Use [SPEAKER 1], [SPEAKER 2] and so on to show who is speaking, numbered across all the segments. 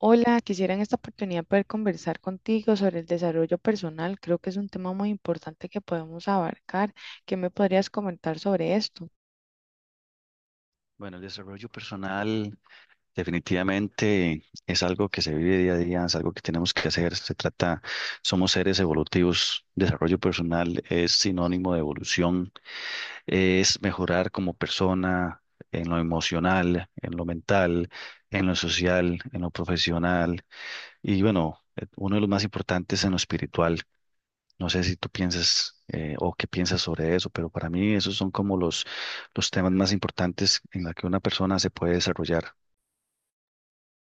[SPEAKER 1] Hola, quisiera en esta oportunidad poder conversar contigo sobre el desarrollo personal. Creo que es un tema muy importante que podemos abarcar. ¿Qué me podrías comentar sobre esto?
[SPEAKER 2] Bueno, el desarrollo personal definitivamente es algo que se vive día a día, es algo que tenemos que hacer. Se trata, somos seres evolutivos. Desarrollo personal es sinónimo de evolución, es mejorar como persona en lo emocional, en lo mental, en lo social, en lo profesional y bueno, uno de los más importantes en lo espiritual. No sé si tú piensas o qué piensas sobre eso, pero para mí esos son como los temas más importantes en la que una persona se puede desarrollar.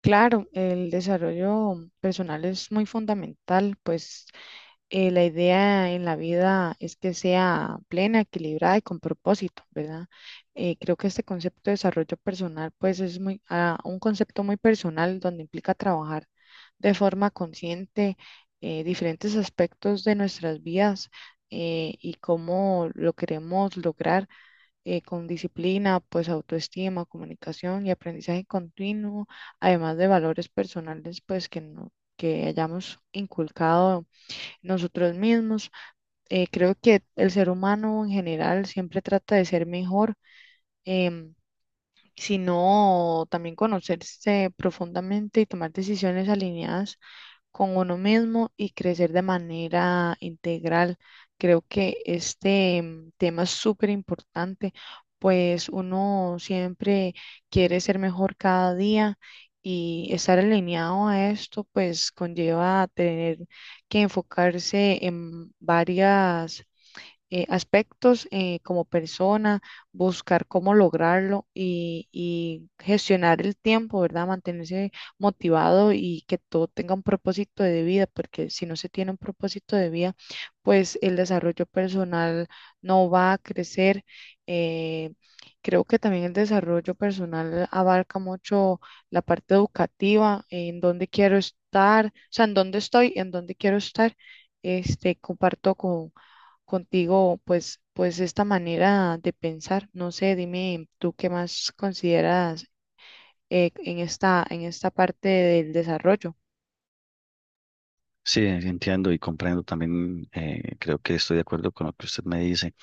[SPEAKER 1] Claro, el desarrollo personal es muy fundamental, pues la idea en la vida es que sea plena, equilibrada y con propósito, ¿verdad? Creo que este concepto de desarrollo personal, pues es muy un concepto muy personal donde implica trabajar de forma consciente diferentes aspectos de nuestras vidas y cómo lo queremos lograr con disciplina, pues autoestima, comunicación y aprendizaje continuo, además de valores personales, pues que no- que hayamos inculcado nosotros mismos. Creo que el ser humano en general siempre trata de ser mejor, em, sino también conocerse profundamente y tomar decisiones alineadas con uno mismo y crecer de manera integral. Creo que este tema es súper importante, pues uno siempre quiere ser mejor cada día y estar alineado a esto, pues conlleva tener que enfocarse en varias aspectos como persona, buscar cómo lograrlo y gestionar el tiempo, ¿verdad? Mantenerse motivado y que todo tenga un propósito de vida, porque si no se tiene un propósito de vida, pues el desarrollo personal no va a crecer. eh, Creo que también el desarrollo personal abarca mucho la parte educativa, en dónde quiero estar, o sea, en dónde estoy, en dónde quiero estar. Este, contigo, pues esta manera de pensar. No sé, dime tú qué más consideras en en esta parte del desarrollo.
[SPEAKER 2] Sí, entiendo y comprendo también, creo que estoy de acuerdo con lo que usted me dice.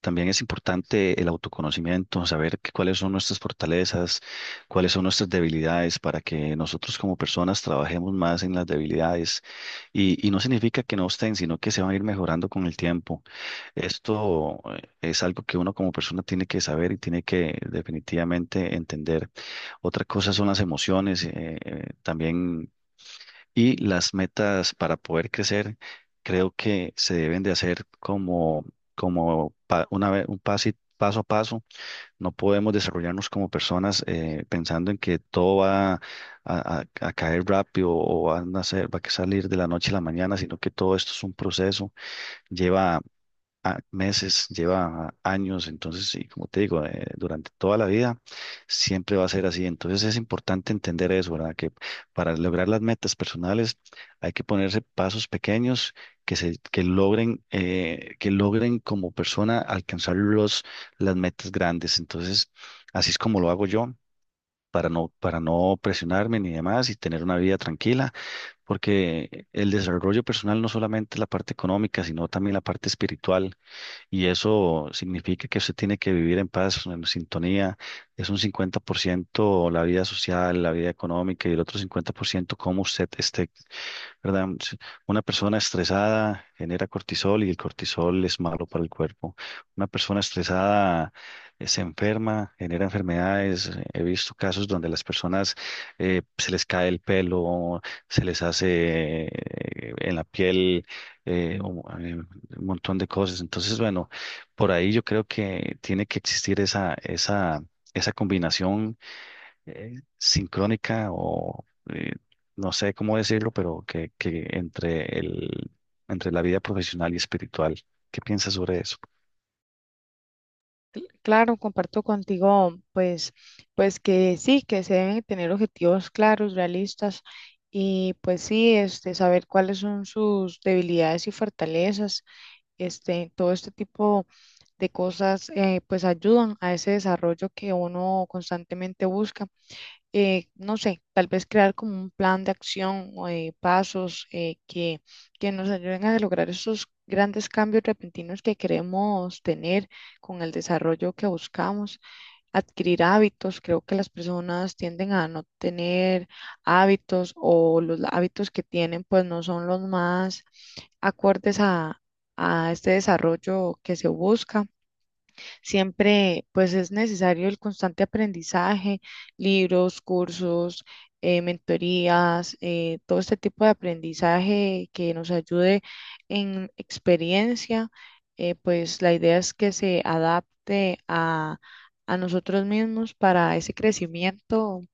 [SPEAKER 2] También es importante el autoconocimiento, saber cuáles son nuestras fortalezas, cuáles son nuestras debilidades, para que nosotros como personas trabajemos más en las debilidades. Y no significa que no estén, sino que se van a ir mejorando con el tiempo. Esto es algo que uno como persona tiene que saber y tiene que definitivamente entender. Otra cosa son las emociones. También y las metas para poder crecer, creo que se deben de hacer como, una vez, paso a paso. No podemos desarrollarnos como personas pensando en que todo a caer rápido o va a salir de la noche a la mañana, sino que todo esto es un proceso, lleva meses, lleva años, entonces sí, como te digo, durante toda la vida siempre va a ser así. Entonces es importante entender eso, ¿verdad? Que para lograr las metas personales hay que ponerse pasos pequeños que que logren como persona alcanzar las metas grandes. Entonces, así es como lo hago yo. Para no presionarme ni demás y tener una vida tranquila, porque el desarrollo personal no solamente es la parte económica, sino también la parte espiritual y eso significa que usted tiene que vivir en paz, en sintonía. Es un 50% la vida social, la vida económica y el otro 50% cómo usted esté. ¿Verdad? Si una persona estresada genera cortisol y el cortisol es malo para el cuerpo. Una persona estresada se enferma, genera enfermedades. He visto casos donde las personas se les cae el pelo, se les hace en la piel eh, un, eh, un montón de cosas. Entonces, bueno, por ahí yo creo que tiene que existir esa combinación sincrónica o eh, no sé cómo decirlo, pero que entre entre la vida profesional y espiritual. ¿Qué piensas sobre eso?
[SPEAKER 1] Claro, comparto contigo, pues que sí, que se deben tener objetivos claros, realistas y pues sí, este, saber cuáles son sus debilidades y fortalezas, este, todo este tipo de cosas, pues ayudan a ese desarrollo que uno constantemente busca. No sé, tal vez crear como un plan de acción o de pasos que nos ayuden a lograr esos grandes cambios repentinos que queremos tener con el desarrollo que buscamos. Adquirir hábitos, creo que las personas tienden a no tener hábitos o los hábitos que tienen pues no son los más acordes a este desarrollo que se busca. Siempre, pues es necesario el constante aprendizaje, libros, cursos, mentorías, todo este tipo de aprendizaje que nos ayude en experiencia. Pues la idea es que se adapte a nosotros mismos para ese crecimiento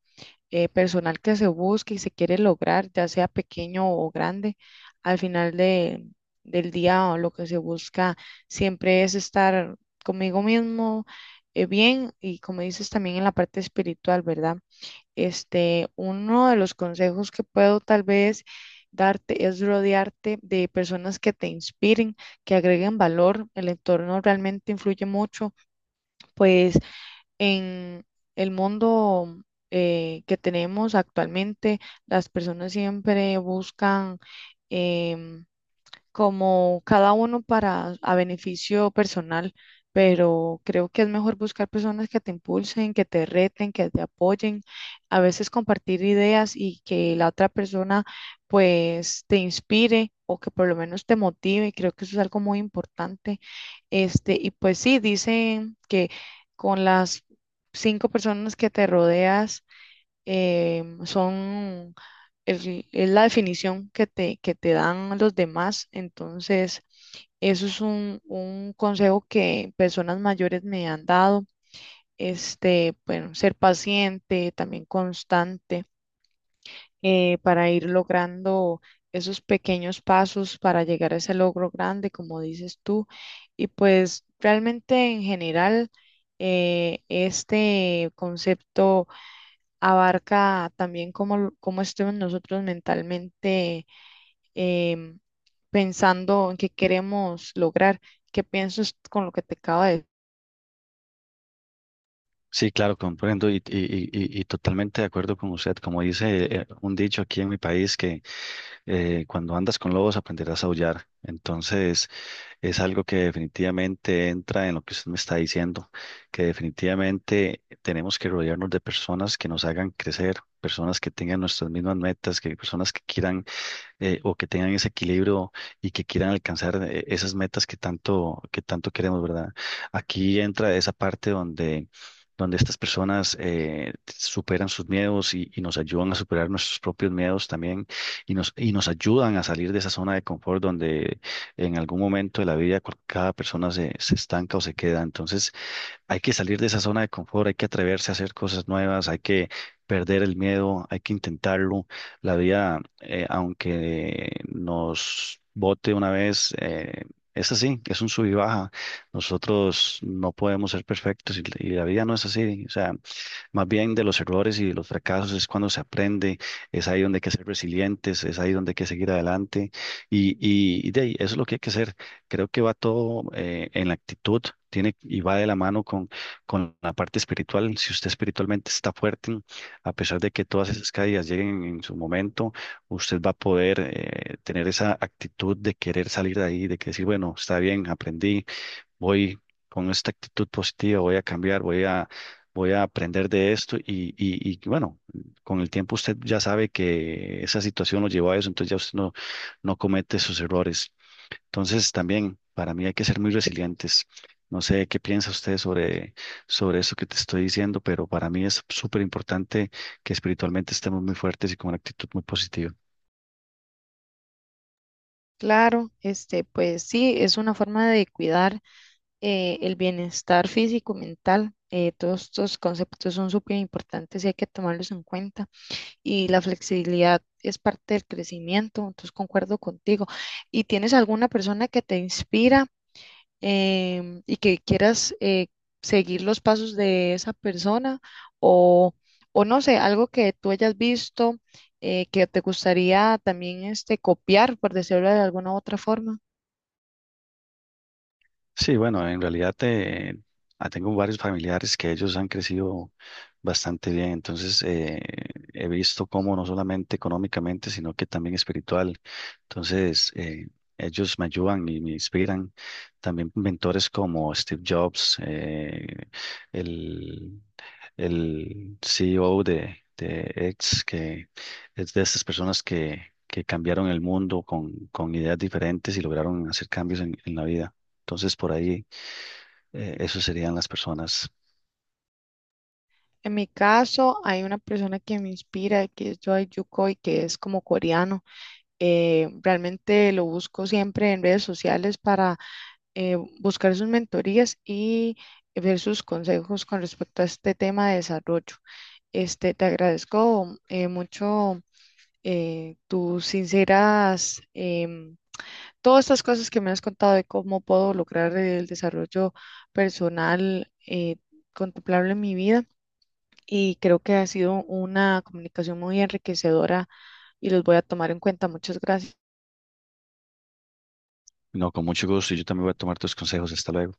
[SPEAKER 1] personal que se busque y se quiere lograr, ya sea pequeño o grande, al final del día o lo que se busca siempre es estar conmigo mismo bien y como dices también en la parte espiritual, ¿verdad? Este, uno de los consejos que puedo tal vez darte es rodearte de personas que te inspiren, que agreguen valor. El entorno realmente influye mucho, pues en el mundo que tenemos actualmente, las personas siempre buscan, em, como cada uno para a beneficio personal, pero creo que es mejor buscar personas que te impulsen, que te reten, que te apoyen, a veces compartir ideas y que la otra persona pues te inspire o que por lo menos te motive, creo que eso es algo muy importante. Este, y pues sí, dicen que con las cinco personas que te rodeas son es la definición que que te dan los demás. Entonces, eso es un consejo que personas mayores me han dado. Este, bueno, ser paciente, también constante, para ir logrando esos pequeños pasos para llegar a ese logro grande, como dices tú. Y pues realmente en general, este concepto abarca también cómo estemos nosotros mentalmente em, pensando en qué queremos lograr, qué piensas con lo que te acabo.
[SPEAKER 2] Sí, claro, comprendo y totalmente de acuerdo con usted. Como dice un dicho aquí en mi país, que cuando andas con lobos aprenderás a aullar. Entonces, es algo que definitivamente entra en lo que usted me está diciendo, que definitivamente tenemos que rodearnos de personas que nos hagan crecer, personas que tengan nuestras mismas metas, que personas que quieran o que tengan ese equilibrio y que quieran alcanzar esas metas que tanto queremos, ¿verdad? Aquí entra esa parte donde estas personas superan sus miedos y nos ayudan a superar nuestros propios miedos también y nos ayudan a salir de esa zona de confort donde en algún momento de la vida cada persona se estanca o se queda. Entonces, hay que salir de esa zona de confort, hay que atreverse a hacer cosas nuevas, hay que perder el miedo, hay que intentarlo. La vida, aunque nos bote una vez, es así, es un sub y baja. Nosotros no podemos ser perfectos y la vida no es así. O sea, más bien de los errores y de los fracasos es cuando se aprende, es ahí donde hay que ser resilientes, es ahí donde hay que seguir adelante y de ahí, eso es lo que hay que hacer. Creo que va todo en la actitud, tiene y va de la mano con la parte espiritual. Si usted espiritualmente está fuerte, a pesar de que todas esas caídas lleguen en su momento, usted va a poder tener esa actitud de querer salir de ahí, de que decir, bueno, está bien, aprendí, voy con esta actitud positiva, voy a cambiar, voy a aprender de esto y bueno, con el tiempo usted ya sabe que esa situación lo llevó a eso, entonces ya usted no comete esos errores. Entonces, también para mí hay que ser muy resilientes. No sé qué piensa usted sobre, sobre eso que te estoy diciendo, pero para mí es súper importante que espiritualmente estemos muy fuertes y con una actitud muy positiva.
[SPEAKER 1] Claro, este, pues sí, es una forma de cuidar el bienestar físico y mental. Todos estos conceptos son súper importantes y hay que tomarlos en cuenta. Y la flexibilidad es parte del crecimiento, entonces concuerdo contigo. ¿Y tienes alguna persona que te inspira? Y que quieras seguir los pasos de esa persona o, o no sé, algo que tú hayas visto que te gustaría también este, copiar, por decirlo de alguna u otra forma.
[SPEAKER 2] Sí, bueno, en realidad tengo varios familiares que ellos han crecido bastante bien, entonces he visto cómo no solamente económicamente, sino que también espiritual. Entonces, ellos me ayudan y me inspiran. También mentores como Steve Jobs, el, el CEO de X, que es de estas personas que cambiaron el mundo con ideas diferentes y lograron hacer cambios en la vida. Entonces, por ahí, eso serían las personas.
[SPEAKER 1] En mi caso, hay una persona que me inspira, que es Choi Yukoi, que es como coreano. Realmente lo busco siempre en redes sociales para buscar sus mentorías y ver sus consejos con respecto a este tema de desarrollo. Este, te agradezco mucho tus sinceras, todas estas cosas que me has contado de cómo puedo lograr el desarrollo personal contemplable en mi vida y creo que ha sido una comunicación muy enriquecedora y los voy a tomar en cuenta. Muchas gracias.
[SPEAKER 2] No, con mucho gusto y yo también voy a tomar tus consejos. Hasta luego.